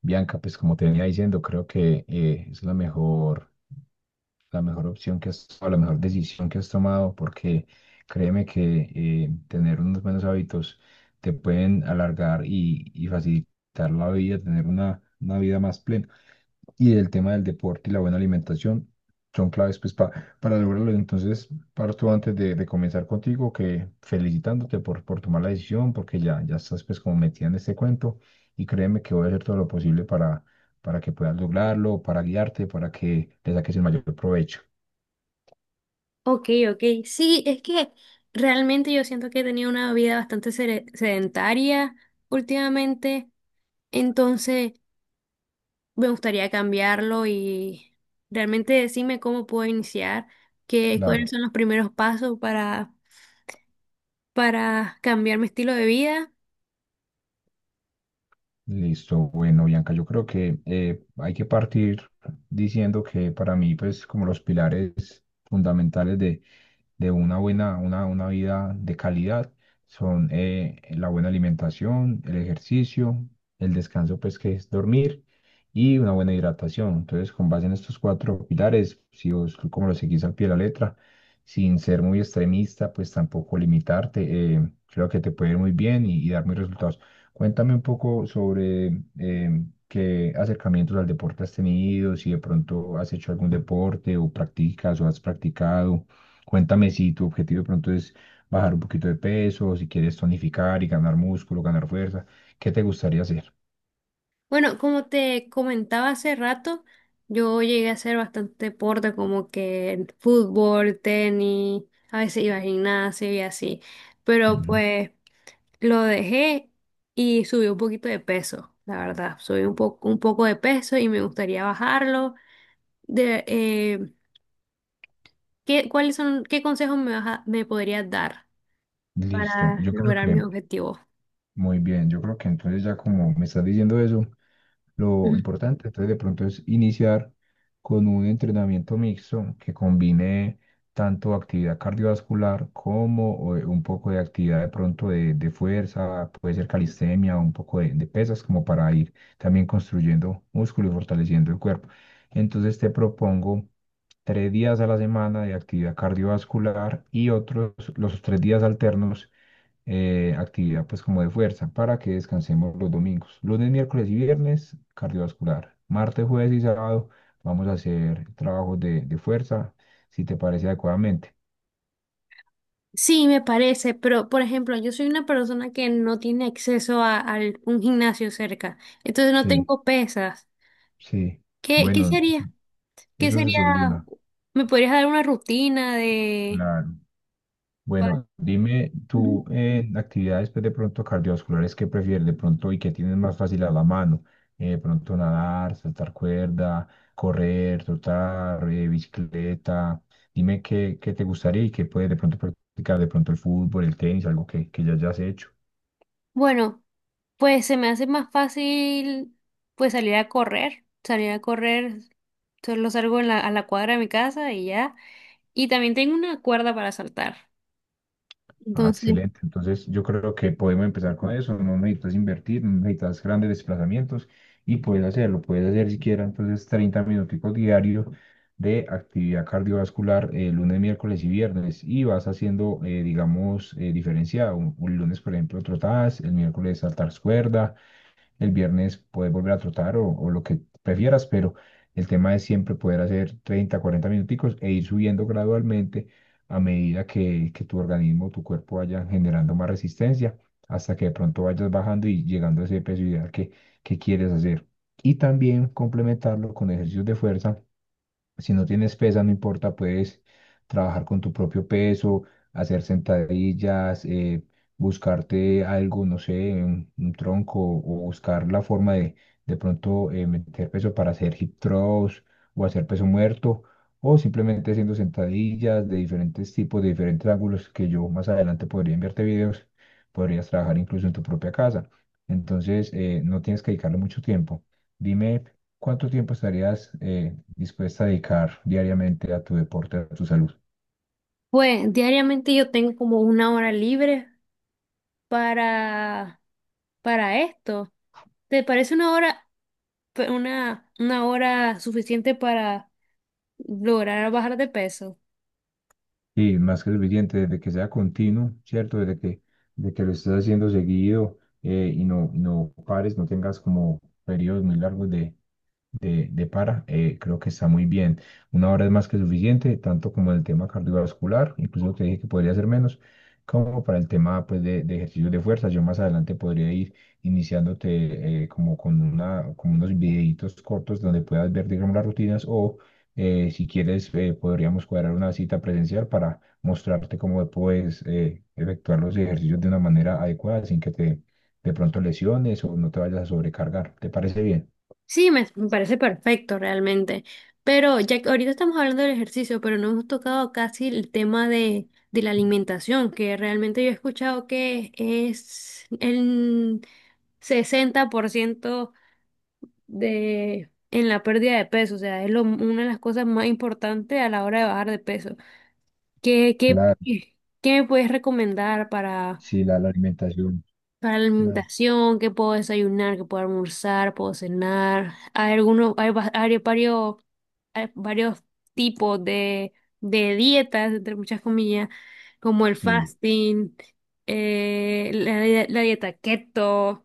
Bianca, pues como te venía diciendo, creo que es la mejor opción que has tomado, la mejor decisión que has tomado, porque créeme que tener unos buenos hábitos te pueden alargar y facilitar la vida, tener una vida más plena y del tema del deporte y la buena alimentación son claves pues, para lograrlo. Entonces, parto antes de comenzar contigo, que felicitándote por tomar la decisión, porque ya estás pues como metida en este cuento y créeme que voy a hacer todo lo posible para que puedas lograrlo, para guiarte, para que le saques el mayor provecho. Ok, ok. Sí, es que realmente yo siento que he tenido una vida bastante sedentaria últimamente, entonces me gustaría cambiarlo y realmente decirme cómo puedo iniciar, cuáles Claro. son los primeros pasos para cambiar mi estilo de vida. Listo, bueno, Bianca, yo creo que hay que partir diciendo que para mí, pues, como los pilares fundamentales de una buena, una vida de calidad son la buena alimentación, el ejercicio, el descanso, pues que es dormir y una buena hidratación. Entonces, con base en estos cuatro pilares, si vos como lo seguís al pie de la letra, sin ser muy extremista, pues tampoco limitarte, creo que te puede ir muy bien y dar muy resultados. Cuéntame un poco sobre qué acercamientos al deporte has tenido, si de pronto has hecho algún deporte o practicas o has practicado. Cuéntame si tu objetivo de pronto es bajar un poquito de peso, si quieres tonificar y ganar músculo, ganar fuerza, ¿qué te gustaría hacer? Bueno, como te comentaba hace rato, yo llegué a hacer bastante deporte como que fútbol, tenis, a veces iba al gimnasio y así, pero Ujú. pues... Lo dejé y subí un poquito de peso, la verdad. Subí un poco de peso y me gustaría bajarlo. De, eh, cuáles son, qué consejos me podrías dar Listo, para yo creo que lograr mis objetivos? muy bien, yo creo que entonces ya como me estás diciendo eso, lo Ujú. importante. Entonces, de pronto es iniciar con un entrenamiento mixto que combine tanto actividad cardiovascular como un poco de actividad de pronto de fuerza, puede ser calistenia, un poco de pesas, como para ir también construyendo músculo y fortaleciendo el cuerpo. Entonces, te propongo tres días a la semana de actividad cardiovascular y otros, los tres días alternos actividad pues como de fuerza para que descansemos los domingos. Lunes, miércoles y viernes, cardiovascular. Martes, jueves y sábado vamos a hacer trabajos de fuerza, si te parece adecuadamente. Sí, me parece, pero por ejemplo, yo soy una persona que no tiene acceso a un gimnasio cerca, entonces no Sí, tengo pesas. sí. Qué Bueno, eso, sería? ¿Qué eso se sería? soluciona. ¿Me podrías dar una rutina de... Claro. pa- Bueno, dime Ujú. tú actividades pues, de pronto cardiovasculares que prefieres de pronto y que tienes más fácil a la mano. De pronto nadar, saltar cuerda, correr, trotar, bicicleta. Dime qué te gustaría y qué puedes de pronto practicar, de pronto el fútbol, el tenis, algo que ya hayas hecho. Bueno, pues se me hace más fácil pues salir a correr, solo salgo en a la cuadra de mi casa y ya. Y también tengo una cuerda para saltar. Ah, Entonces, excelente. Entonces, yo creo que podemos empezar con eso. No necesitas invertir, no necesitas grandes desplazamientos y puedes hacerlo. Puedes hacer siquiera entonces 30 minuticos diarios de actividad cardiovascular lunes, miércoles y viernes y vas haciendo, digamos, diferenciado. Un lunes, por ejemplo, trotadas, el miércoles saltar cuerda, el viernes puedes volver a trotar o lo que prefieras, pero el tema es siempre poder hacer 30, 40 minuticos e ir subiendo gradualmente a medida que tu organismo, tu cuerpo vaya generando más resistencia hasta que de pronto vayas bajando y llegando a ese peso ideal que quieres hacer. Y también complementarlo con ejercicios de fuerza si no tienes pesa, no importa, puedes trabajar con tu propio peso, hacer sentadillas, buscarte algo, no sé, un tronco o buscar la forma de pronto meter peso para hacer hip thrust o hacer peso muerto o simplemente haciendo sentadillas de diferentes tipos, de diferentes ángulos que yo más adelante podría enviarte videos, podrías trabajar incluso en tu propia casa. Entonces, no tienes que dedicarle mucho tiempo. Dime, ¿cuánto tiempo estarías... dispuesta a dedicar diariamente a tu deporte, a tu salud? pues diariamente yo tengo como una hora libre para para esto. ¿Te parece una hora una hora suficiente para lograr bajar de peso? Y más que suficiente, desde que sea continuo, ¿cierto? Desde que, de que lo estés haciendo seguido y no pares, no tengas como periodos muy largos de de para, creo que está muy bien. 1 hora es más que suficiente, tanto como el tema cardiovascular, incluso te dije que podría ser menos, como para el tema pues, de ejercicios de fuerza. Yo más adelante podría ir iniciándote como con una, como unos videitos cortos donde puedas ver, digamos, las rutinas o si quieres podríamos cuadrar una cita presencial para mostrarte cómo puedes efectuar los ejercicios de una manera adecuada sin que te de pronto lesiones o no te vayas a sobrecargar. ¿Te parece bien? Sí, me parece perfecto realmente. Pero ya que ahorita estamos hablando del ejercicio, pero no hemos tocado casi el tema de la alimentación, que realmente yo he escuchado que es el 60% de, en la pérdida de peso. O sea, es una de las cosas más importantes a la hora de bajar de peso. ¿Qué, qué, qué me puedes recomendar Sí, la alimentación. para la la- alimentación, qué puedo desayunar, qué puedo almorzar, puedo cenar? Hay algunos, hay varios tipos de dietas, entre muchas comillas, como el Sí. fasting, la dieta keto.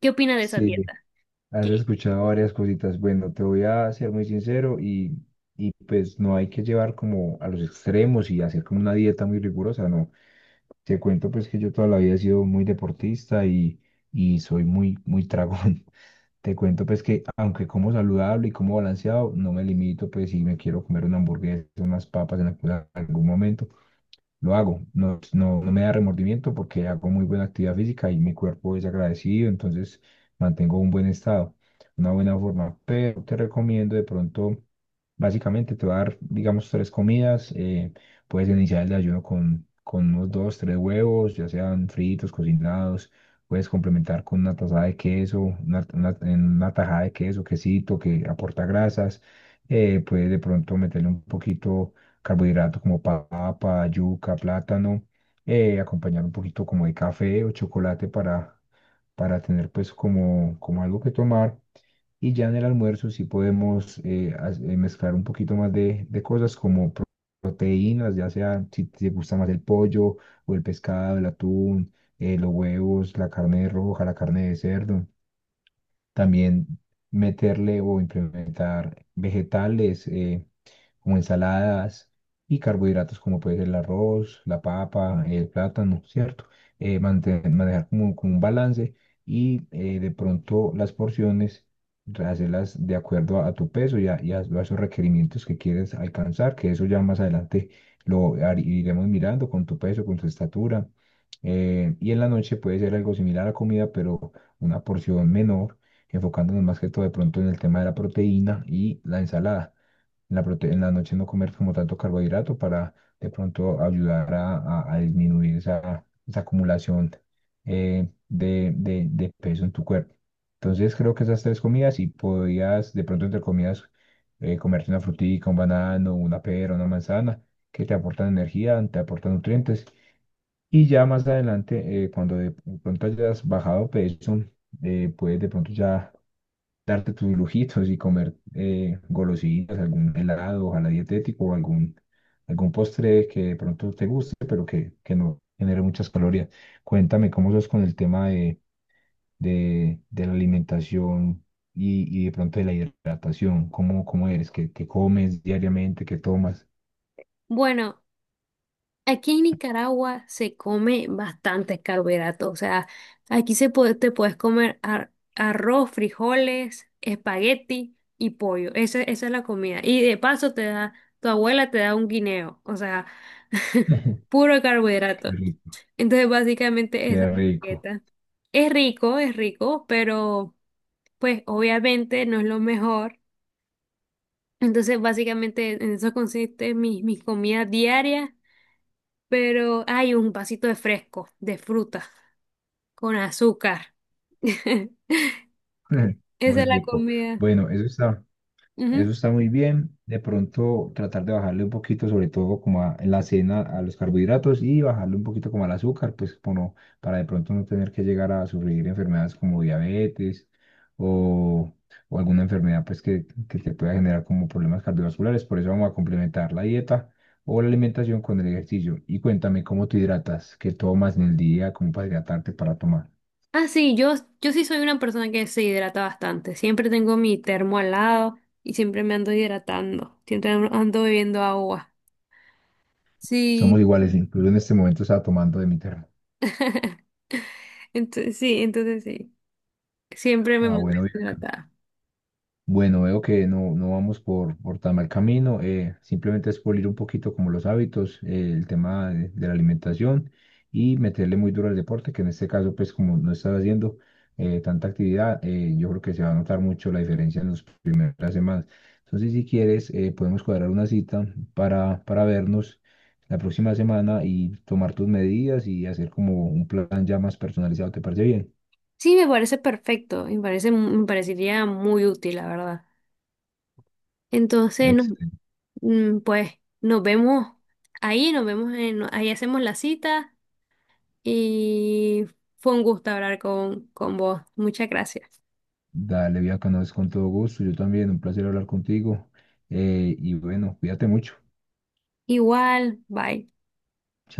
¿Qué opinas de esa sí, dieta? Has Que, escuchado varias cositas. Bueno, te voy a ser muy sincero y pues no hay que llevar como a los extremos y hacer como una dieta muy rigurosa, no. Te cuento pues que yo toda la vida he sido muy deportista y soy muy, muy tragón. Te cuento pues que aunque como saludable y como balanceado, no me limito pues si me quiero comer una hamburguesa, unas papas en algún momento. Lo hago. No, no, no me da remordimiento porque hago muy buena actividad física y mi cuerpo es agradecido, entonces mantengo un buen estado, una buena forma. Pero te recomiendo de pronto, básicamente te va a dar, digamos, tres comidas. Puedes iniciar el desayuno con unos dos, tres huevos, ya sean fritos, cocinados. Puedes complementar con una tazada de queso, en una tajada de queso, quesito que aporta grasas. Puedes de pronto meterle un poquito carbohidratos como papa, yuca, plátano, acompañar un poquito como de café o chocolate para tener pues como, como algo que tomar. Y ya en el almuerzo sí podemos mezclar un poquito más de cosas como proteínas, ya sea si te gusta más el pollo o el pescado, el atún, los huevos, la carne roja, la carne de cerdo. También meterle o implementar vegetales. Como ensaladas y carbohidratos como puede ser el arroz, la papa, el plátano, ¿cierto? Manejar como, como un balance y de pronto las porciones hacerlas de acuerdo a- tu peso y a esos requerimientos que quieres alcanzar, que eso ya más adelante iremos mirando con tu peso, con tu estatura. Y en la noche puede ser algo similar a comida, pero una porción menor, enfocándonos más que todo de pronto en el tema de la proteína y la ensalada en la, en la noche no comer como tanto carbohidrato para de pronto ayudar a disminuir esa acumulación de peso en tu cuerpo. Entonces creo que esas tres comidas y podías de pronto entre comidas comerte una frutica, un banano, una pera, una manzana, que te aportan energía, te aportan nutrientes. Y ya más adelante, cuando de pronto hayas bajado peso, puedes de pronto ya darte tus lujitos y comer golosinas, algún helado, ojalá dietético o algún postre que de pronto te guste, pero que no genere muchas calorías. Cuéntame cómo sos con el tema de la alimentación y de pronto de la hidratación, cómo eres, qué comes diariamente, qué tomas. bueno, aquí en Nicaragua se come bastantes carbohidratos, o sea, aquí se puede, te puedes comer arroz, frijoles, espagueti y pollo. Esa es la comida. Y de paso te da, tu abuela te da un guineo, o sea, puro Qué carbohidrato. rico, Entonces, básicamente esa qué es la rico, dieta. Es rico, pero pues obviamente no es lo mejor. Entonces, básicamente en eso consiste mis comidas diarias, pero hay un vasito de fresco, de fruta, con azúcar. Esa muy es la rico. comida. Bueno, eso está. Eso Ujú. está muy bien. De pronto tratar de bajarle un poquito, sobre todo como en la cena, a los carbohidratos y bajarle un poquito como al azúcar, pues como para de pronto no tener que llegar a sufrir enfermedades como diabetes o, o alguna enfermedad pues que te pueda generar como problemas cardiovasculares. Por eso vamos a complementar la dieta o la alimentación con el ejercicio. Y cuéntame cómo te hidratas, qué tomas en el día, cómo para hidratarte para tomar. Ah, sí, yo sí soy una persona que se hidrata bastante. Siempre tengo mi termo al lado y siempre me ando hidratando. Siempre ando bebiendo agua. Somos Sí. iguales, incluso en este momento estaba tomando de mi termo. Entonces, sí, entonces sí. Siempre me Ah, bueno, mantengo bien. hidratada. Bueno, veo que no vamos por tan mal camino, simplemente es pulir un poquito como los hábitos, el tema de la alimentación y meterle muy duro al deporte, que en este caso, pues como no estás haciendo tanta actividad, yo creo que se va a notar mucho la diferencia en las primeras semanas. Entonces, si quieres, podemos cuadrar una cita para vernos la próxima semana y tomar tus medidas y hacer como un plan ya más personalizado, ¿te parece bien? Sí, me parece perfecto. Me parecería muy útil, la verdad. Entonces, no. Excelente. Mm, pues nos vemos ahí, nos vemos en, ahí hacemos la cita y fue un gusto hablar con vos. Muchas gracias. Dale, Bianca, no es con todo gusto. Yo también, un placer hablar contigo. Y bueno, cuídate mucho. Igual, bye. Chao.